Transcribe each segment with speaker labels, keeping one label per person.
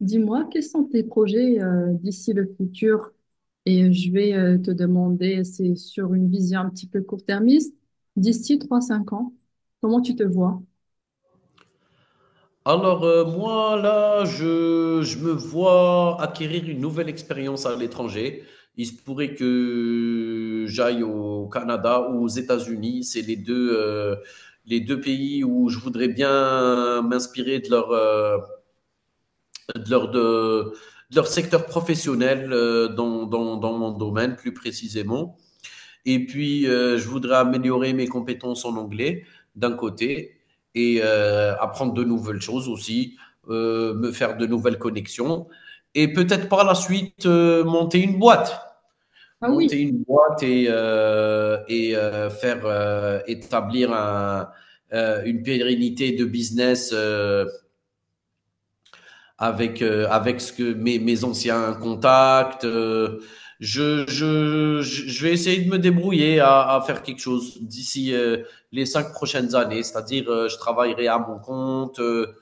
Speaker 1: Dis-moi, quels sont tes projets d'ici le futur? Et je vais te demander, c'est sur une vision un petit peu court-termiste, d'ici trois cinq ans, comment tu te vois?
Speaker 2: Moi, là, je me vois acquérir une nouvelle expérience à l'étranger. Il se pourrait que j'aille au Canada ou aux États-Unis. C'est les deux pays où je voudrais bien m'inspirer de de leur, de, de leur secteur professionnel, dans mon domaine plus précisément. Et puis, je voudrais améliorer mes compétences en anglais, d'un côté, et apprendre de nouvelles choses aussi, me faire de nouvelles connexions, et peut-être par la suite, monter une boîte.
Speaker 1: Ah oui.
Speaker 2: Monter une boîte et faire établir une pérennité de business, avec ce que mes anciens contacts. Je vais essayer de me débrouiller à faire quelque chose d'ici, les cinq prochaines années. C'est-à-dire, je travaillerai à mon compte. euh,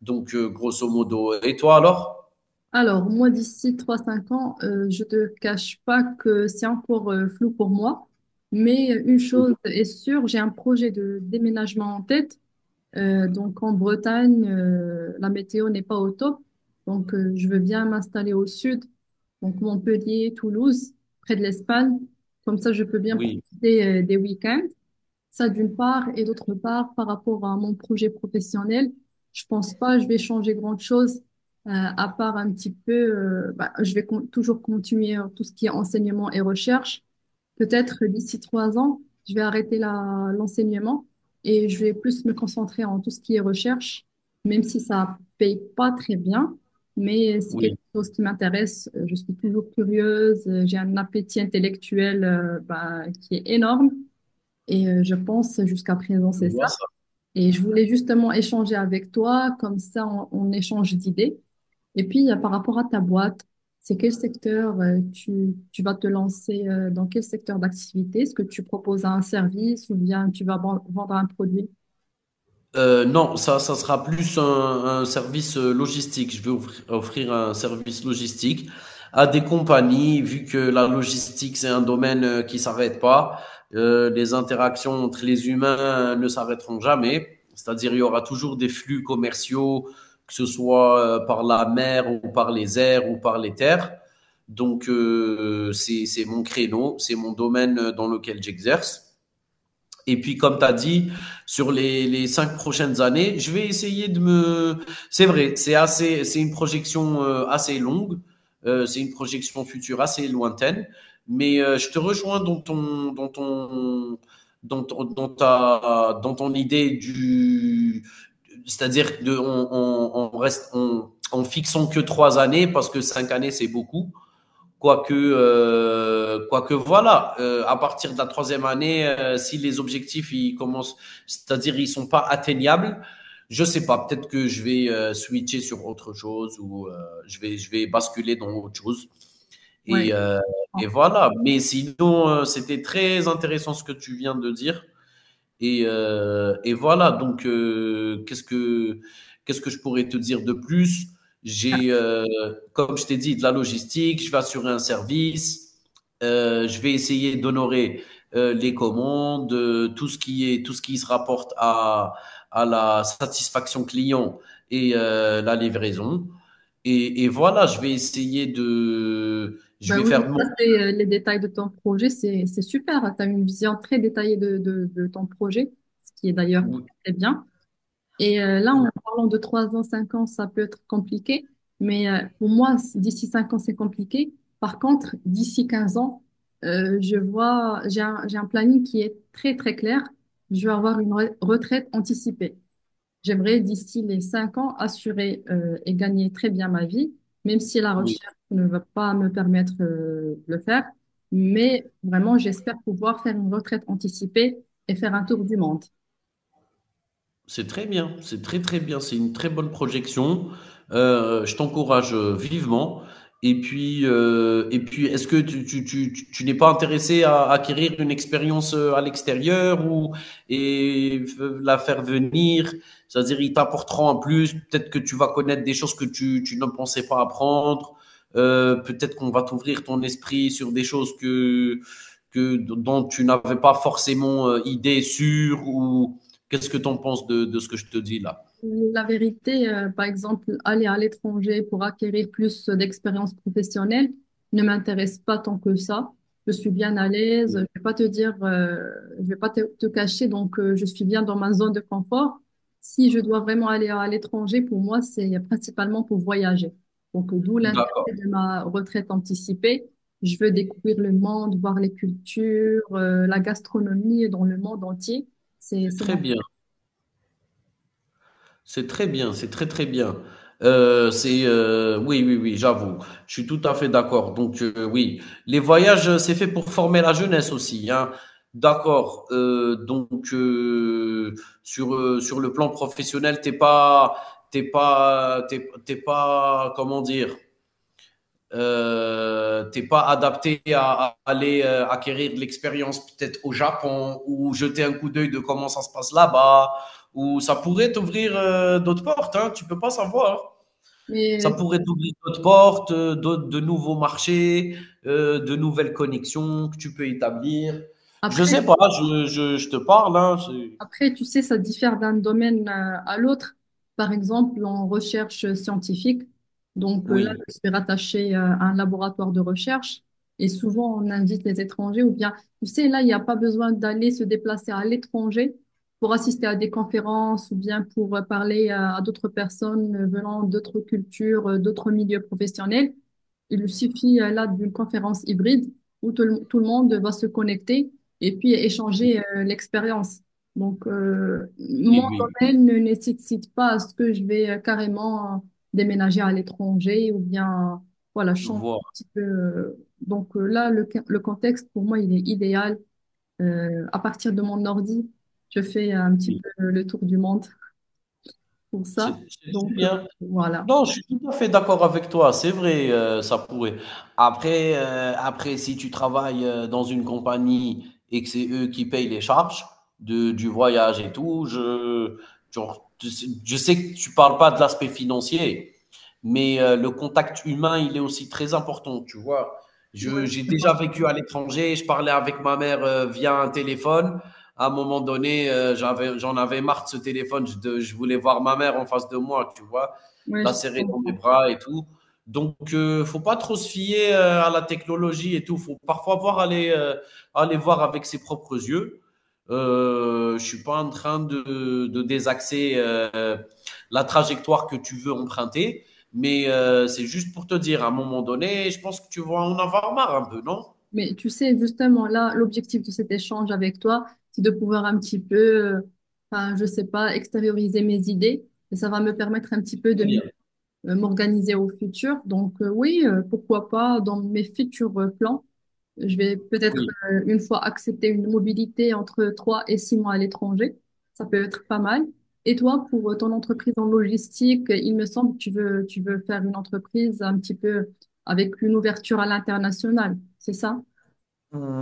Speaker 2: donc, euh, Grosso modo. Et toi alors?
Speaker 1: Alors, moi, d'ici trois cinq ans, je te cache pas que c'est encore flou pour moi, mais une
Speaker 2: Oui,
Speaker 1: chose est sûre, j'ai un projet de déménagement en tête. Donc en Bretagne, la météo n'est pas au top. Donc je veux bien m'installer au sud, donc Montpellier, Toulouse, près de l'Espagne. Comme ça, je peux bien
Speaker 2: oui,
Speaker 1: profiter des week-ends. Ça d'une part, et d'autre part, par rapport à mon projet professionnel, je pense pas je vais changer grand-chose, euh, à part un petit peu, bah, toujours continuer tout ce qui est enseignement et recherche. Peut-être d'ici trois ans, je vais arrêter l'enseignement et je vais plus me concentrer en tout ce qui est recherche, même si ça paye pas très bien, mais c'est quelque
Speaker 2: oui.
Speaker 1: chose qui m'intéresse. Je suis toujours curieuse, j'ai un appétit intellectuel bah, qui est énorme et je pense jusqu'à présent
Speaker 2: Je
Speaker 1: c'est ça.
Speaker 2: vois ça.
Speaker 1: Et je voulais justement échanger avec toi, comme ça on échange d'idées et puis, par rapport à ta boîte, c'est quel secteur tu vas te lancer dans quel secteur d'activité? Est-ce que tu proposes un service ou bien tu vas vendre un produit?
Speaker 2: Non, ça sera plus un service, logistique. Je veux offrir un service logistique à des compagnies, vu que la logistique, c'est un domaine, qui s'arrête pas. Les interactions entre les humains, ne s'arrêteront jamais. C'est-à-dire, il y aura toujours des flux commerciaux, que ce soit, par la mer ou par les airs ou par les terres. Donc, c'est mon créneau, c'est mon domaine, dans lequel j'exerce. Et puis, comme tu as dit, sur les cinq prochaines années, je vais essayer de me. C'est vrai, c'est assez, c'est une projection, assez longue, c'est une projection future assez lointaine, mais je te rejoins dans ton idée du, c'est-à-dire de, on reste, on, en fixant que trois années parce que cinq années c'est beaucoup. Quoique, voilà, à partir de la troisième année, si les objectifs ils commencent, c'est-à-dire ils ne sont pas atteignables, je ne sais pas, peut-être que je vais, switcher sur autre chose ou, je vais basculer dans autre chose.
Speaker 1: Ouais.
Speaker 2: Et, euh, et
Speaker 1: Ah.
Speaker 2: voilà. Mais sinon, c'était très intéressant ce que tu viens de dire. Et voilà donc, qu'est-ce que je pourrais te dire de plus? J'ai, heu, Comme je t'ai dit, de la logistique, je vais assurer un service, je vais essayer d'honorer, les commandes, tout ce qui est tout ce qui se rapporte à la satisfaction client et, la livraison et voilà, je vais essayer de je
Speaker 1: Ben
Speaker 2: vais faire
Speaker 1: oui,
Speaker 2: de
Speaker 1: ça
Speaker 2: mon
Speaker 1: c'est les détails de ton projet, c'est super. Tu as une vision très détaillée de ton projet, ce qui est d'ailleurs
Speaker 2: oui.
Speaker 1: très bien. Et là, en parlant de 3 ans, 5 ans, ça peut être compliqué. Mais pour moi, d'ici 5 ans, c'est compliqué. Par contre, d'ici 15 ans, je vois, j'ai un planning qui est très, très clair. Je vais avoir une retraite anticipée. J'aimerais, d'ici les 5 ans, assurer et gagner très bien ma vie, même si la
Speaker 2: Oui.
Speaker 1: recherche ne va pas me permettre de le faire. Mais vraiment, j'espère pouvoir faire une retraite anticipée et faire un tour du monde.
Speaker 2: C'est très bien, c'est très, très bien, c'est une très bonne projection. Je t'encourage, vivement et puis, est-ce que tu n'es pas intéressé à acquérir une expérience, à l'extérieur ou et f la faire venir? C'est-à-dire ils t'apporteront en plus, peut-être que tu vas connaître des choses que tu ne pensais pas apprendre, peut-être qu'on va t'ouvrir ton esprit sur des choses que dont tu n'avais pas forcément, idée sûre ou qu'est-ce que tu en penses de ce que je te dis là?
Speaker 1: La vérité, par exemple, aller à l'étranger pour acquérir plus d'expérience professionnelle ne m'intéresse pas tant que ça. Je suis bien à
Speaker 2: Oui.
Speaker 1: l'aise.
Speaker 2: Mmh.
Speaker 1: Je vais pas te cacher. Donc, je suis bien dans ma zone de confort. Si je dois vraiment aller à l'étranger, pour moi, c'est principalement pour voyager. Donc, d'où l'intérêt
Speaker 2: D'accord,
Speaker 1: de ma retraite anticipée. Je veux découvrir le monde, voir les cultures, la gastronomie dans le monde entier.
Speaker 2: c'est
Speaker 1: C'est
Speaker 2: très
Speaker 1: mon.
Speaker 2: bien, c'est très bien, c'est très, très bien. Oui, oui, oui, j'avoue. Je suis tout à fait d'accord. Donc, oui, les voyages, c'est fait pour former la jeunesse aussi, hein. D'accord, sur le plan professionnel, t'es pas, comment dire? T'es pas adapté à aller, acquérir de l'expérience peut-être au Japon ou jeter un coup d'œil de comment ça se passe là-bas ou ça pourrait t'ouvrir, d'autres portes, hein, tu ne peux pas savoir. Ça
Speaker 1: Mais
Speaker 2: pourrait t'ouvrir d'autres portes, de nouveaux marchés, de nouvelles connexions que tu peux établir. Je
Speaker 1: après.
Speaker 2: sais pas, je te parle, hein, c'est-
Speaker 1: Après, tu sais, ça diffère d'un domaine à l'autre. Par exemple, en recherche scientifique, donc là,
Speaker 2: Oui,
Speaker 1: je suis rattachée à un laboratoire de recherche et souvent on invite les étrangers ou bien, tu sais, là, il n'y a pas besoin d'aller se déplacer à l'étranger pour assister à des conférences ou bien pour parler à d'autres personnes venant d'autres cultures, d'autres milieux professionnels. Il suffit là d'une conférence hybride où tout le monde va se connecter et puis
Speaker 2: oui,
Speaker 1: échanger l'expérience. Donc, mon
Speaker 2: oui, oui,
Speaker 1: domaine ne nécessite pas à ce que je vais carrément déménager à l'étranger ou bien, voilà,
Speaker 2: je
Speaker 1: changer
Speaker 2: vois,
Speaker 1: un petit peu. Donc là, le contexte, pour moi, il est idéal. À partir de mon ordi, je fais un petit
Speaker 2: oui.
Speaker 1: peu le tour du monde pour ça.
Speaker 2: C'est très
Speaker 1: Donc,
Speaker 2: bien.
Speaker 1: voilà.
Speaker 2: Non, je suis tout à fait d'accord avec toi. C'est vrai, ça pourrait. Après, si tu travailles, dans une compagnie et que c'est eux qui payent les charges du voyage et tout, je, genre, tu sais- je sais que tu parles pas de l'aspect financier, mais le contact humain, il est aussi très important, tu vois.
Speaker 1: Ouais,
Speaker 2: J'ai
Speaker 1: je te
Speaker 2: déjà
Speaker 1: comprends.
Speaker 2: vécu à l'étranger, je parlais avec ma mère, via un téléphone. À un moment donné, j'en avais marre de ce téléphone, je voulais voir ma mère en face de moi, tu vois
Speaker 1: Ouais,
Speaker 2: la
Speaker 1: je te
Speaker 2: serrer dans mes
Speaker 1: comprends.
Speaker 2: bras et tout. Donc, il, ne faut pas trop se fier, à la technologie et tout. Il faut parfois voir aller, aller voir avec ses propres yeux. Je ne suis pas en train de désaxer, la trajectoire que tu veux emprunter, mais c'est juste pour te dire, à un moment donné, je pense que tu vas en avoir marre un peu, non.
Speaker 1: Mais tu sais, justement, là, l'objectif de cet échange avec toi, c'est de pouvoir un petit peu, euh, enfin, je sais pas, extérioriser mes idées. Et ça va me permettre un petit peu
Speaker 2: Très bien.
Speaker 1: m'organiser au futur. Donc, oui, pourquoi pas, dans mes futurs plans, je vais peut-être,
Speaker 2: Oui.
Speaker 1: une fois accepter une mobilité entre trois et six mois à l'étranger. Ça peut être pas mal. Et toi, pour ton entreprise en logistique, il me semble que tu veux faire une entreprise un petit peu avec une ouverture à l'international, c'est ça?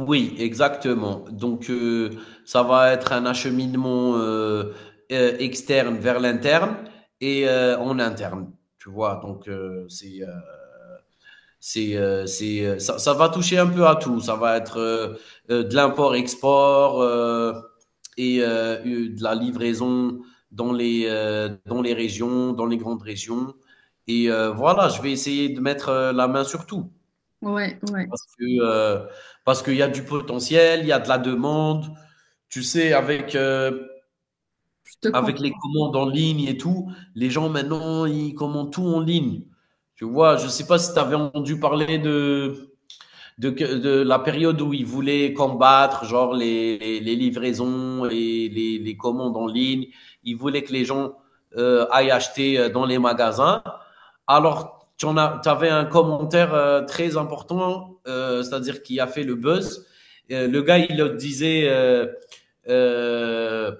Speaker 2: Oui, exactement. Donc, ça va être un acheminement, externe vers l'interne et en interne. Tu vois, donc c'est, ça va toucher un peu à tout. Ça va être, de l'import-export, et, de la livraison, dans les régions, dans les grandes régions. Et voilà, je vais essayer de mettre, la main sur tout
Speaker 1: Ouais, ouais,
Speaker 2: parce que, parce qu'il y a du potentiel, il y a de la demande. Tu sais,
Speaker 1: je te comprends.
Speaker 2: avec les commandes en ligne et tout, les gens maintenant ils commandent tout en ligne. Tu vois, je sais pas si tu avais entendu parler de de la période où ils voulaient combattre, genre les livraisons et commandes en ligne. Ils voulaient que les gens, aillent acheter, dans les magasins. Alors, tu en as tu avais un commentaire, très important, c'est-à-dire qui a fait le buzz. Le gars, il disait euh,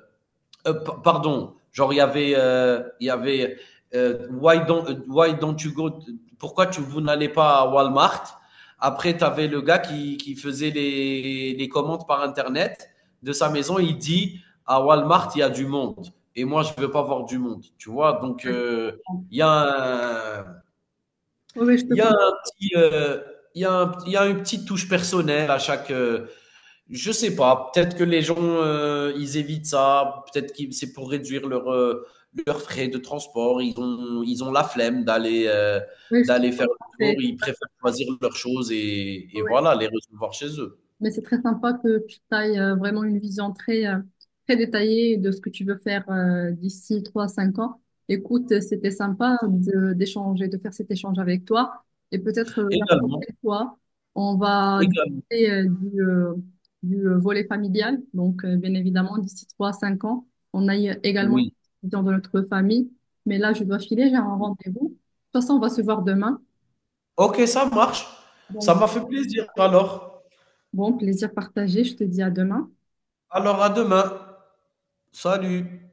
Speaker 2: pardon, genre il y avait, why don't you go, pourquoi vous n'allez pas à Walmart? Après, tu avais le gars qui faisait les commandes par Internet de sa maison. Il dit à Walmart, il y a du monde. Et moi, je ne veux pas voir du monde. Tu vois, donc
Speaker 1: Ouais,
Speaker 2: il y a un,
Speaker 1: ouais, je te
Speaker 2: il y a
Speaker 1: comprends.
Speaker 2: un petit, il y a une petite touche personnelle à chaque, je sais pas. Peut-être que les gens, ils évitent ça. Peut-être que c'est pour réduire leur, leurs frais de transport. Ils ont la flemme d'aller,
Speaker 1: Ouais, je te
Speaker 2: d'aller faire le
Speaker 1: comprends.
Speaker 2: tour.
Speaker 1: C'est
Speaker 2: Ils préfèrent
Speaker 1: ça.
Speaker 2: choisir leurs choses et
Speaker 1: Ouais.
Speaker 2: voilà, les recevoir chez eux.
Speaker 1: Mais c'est très sympa que tu ailles vraiment une vision très, très détaillée de ce que tu veux faire d'ici 3 cinq ans. Écoute, c'était sympa d'échanger, de faire cet échange avec toi. Et peut-être la
Speaker 2: Également,
Speaker 1: prochaine fois, on va
Speaker 2: également.
Speaker 1: discuter du volet familial. Donc, bien évidemment, d'ici 3 cinq ans, on aille également
Speaker 2: Oui.
Speaker 1: dans notre famille. Mais là, je dois filer, j'ai un rendez-vous. De toute façon, on va se voir demain.
Speaker 2: OK, ça marche. Ça
Speaker 1: Donc,
Speaker 2: m'a fait plaisir alors.
Speaker 1: bon, plaisir partagé. Je te dis à demain.
Speaker 2: Alors à demain. Salut.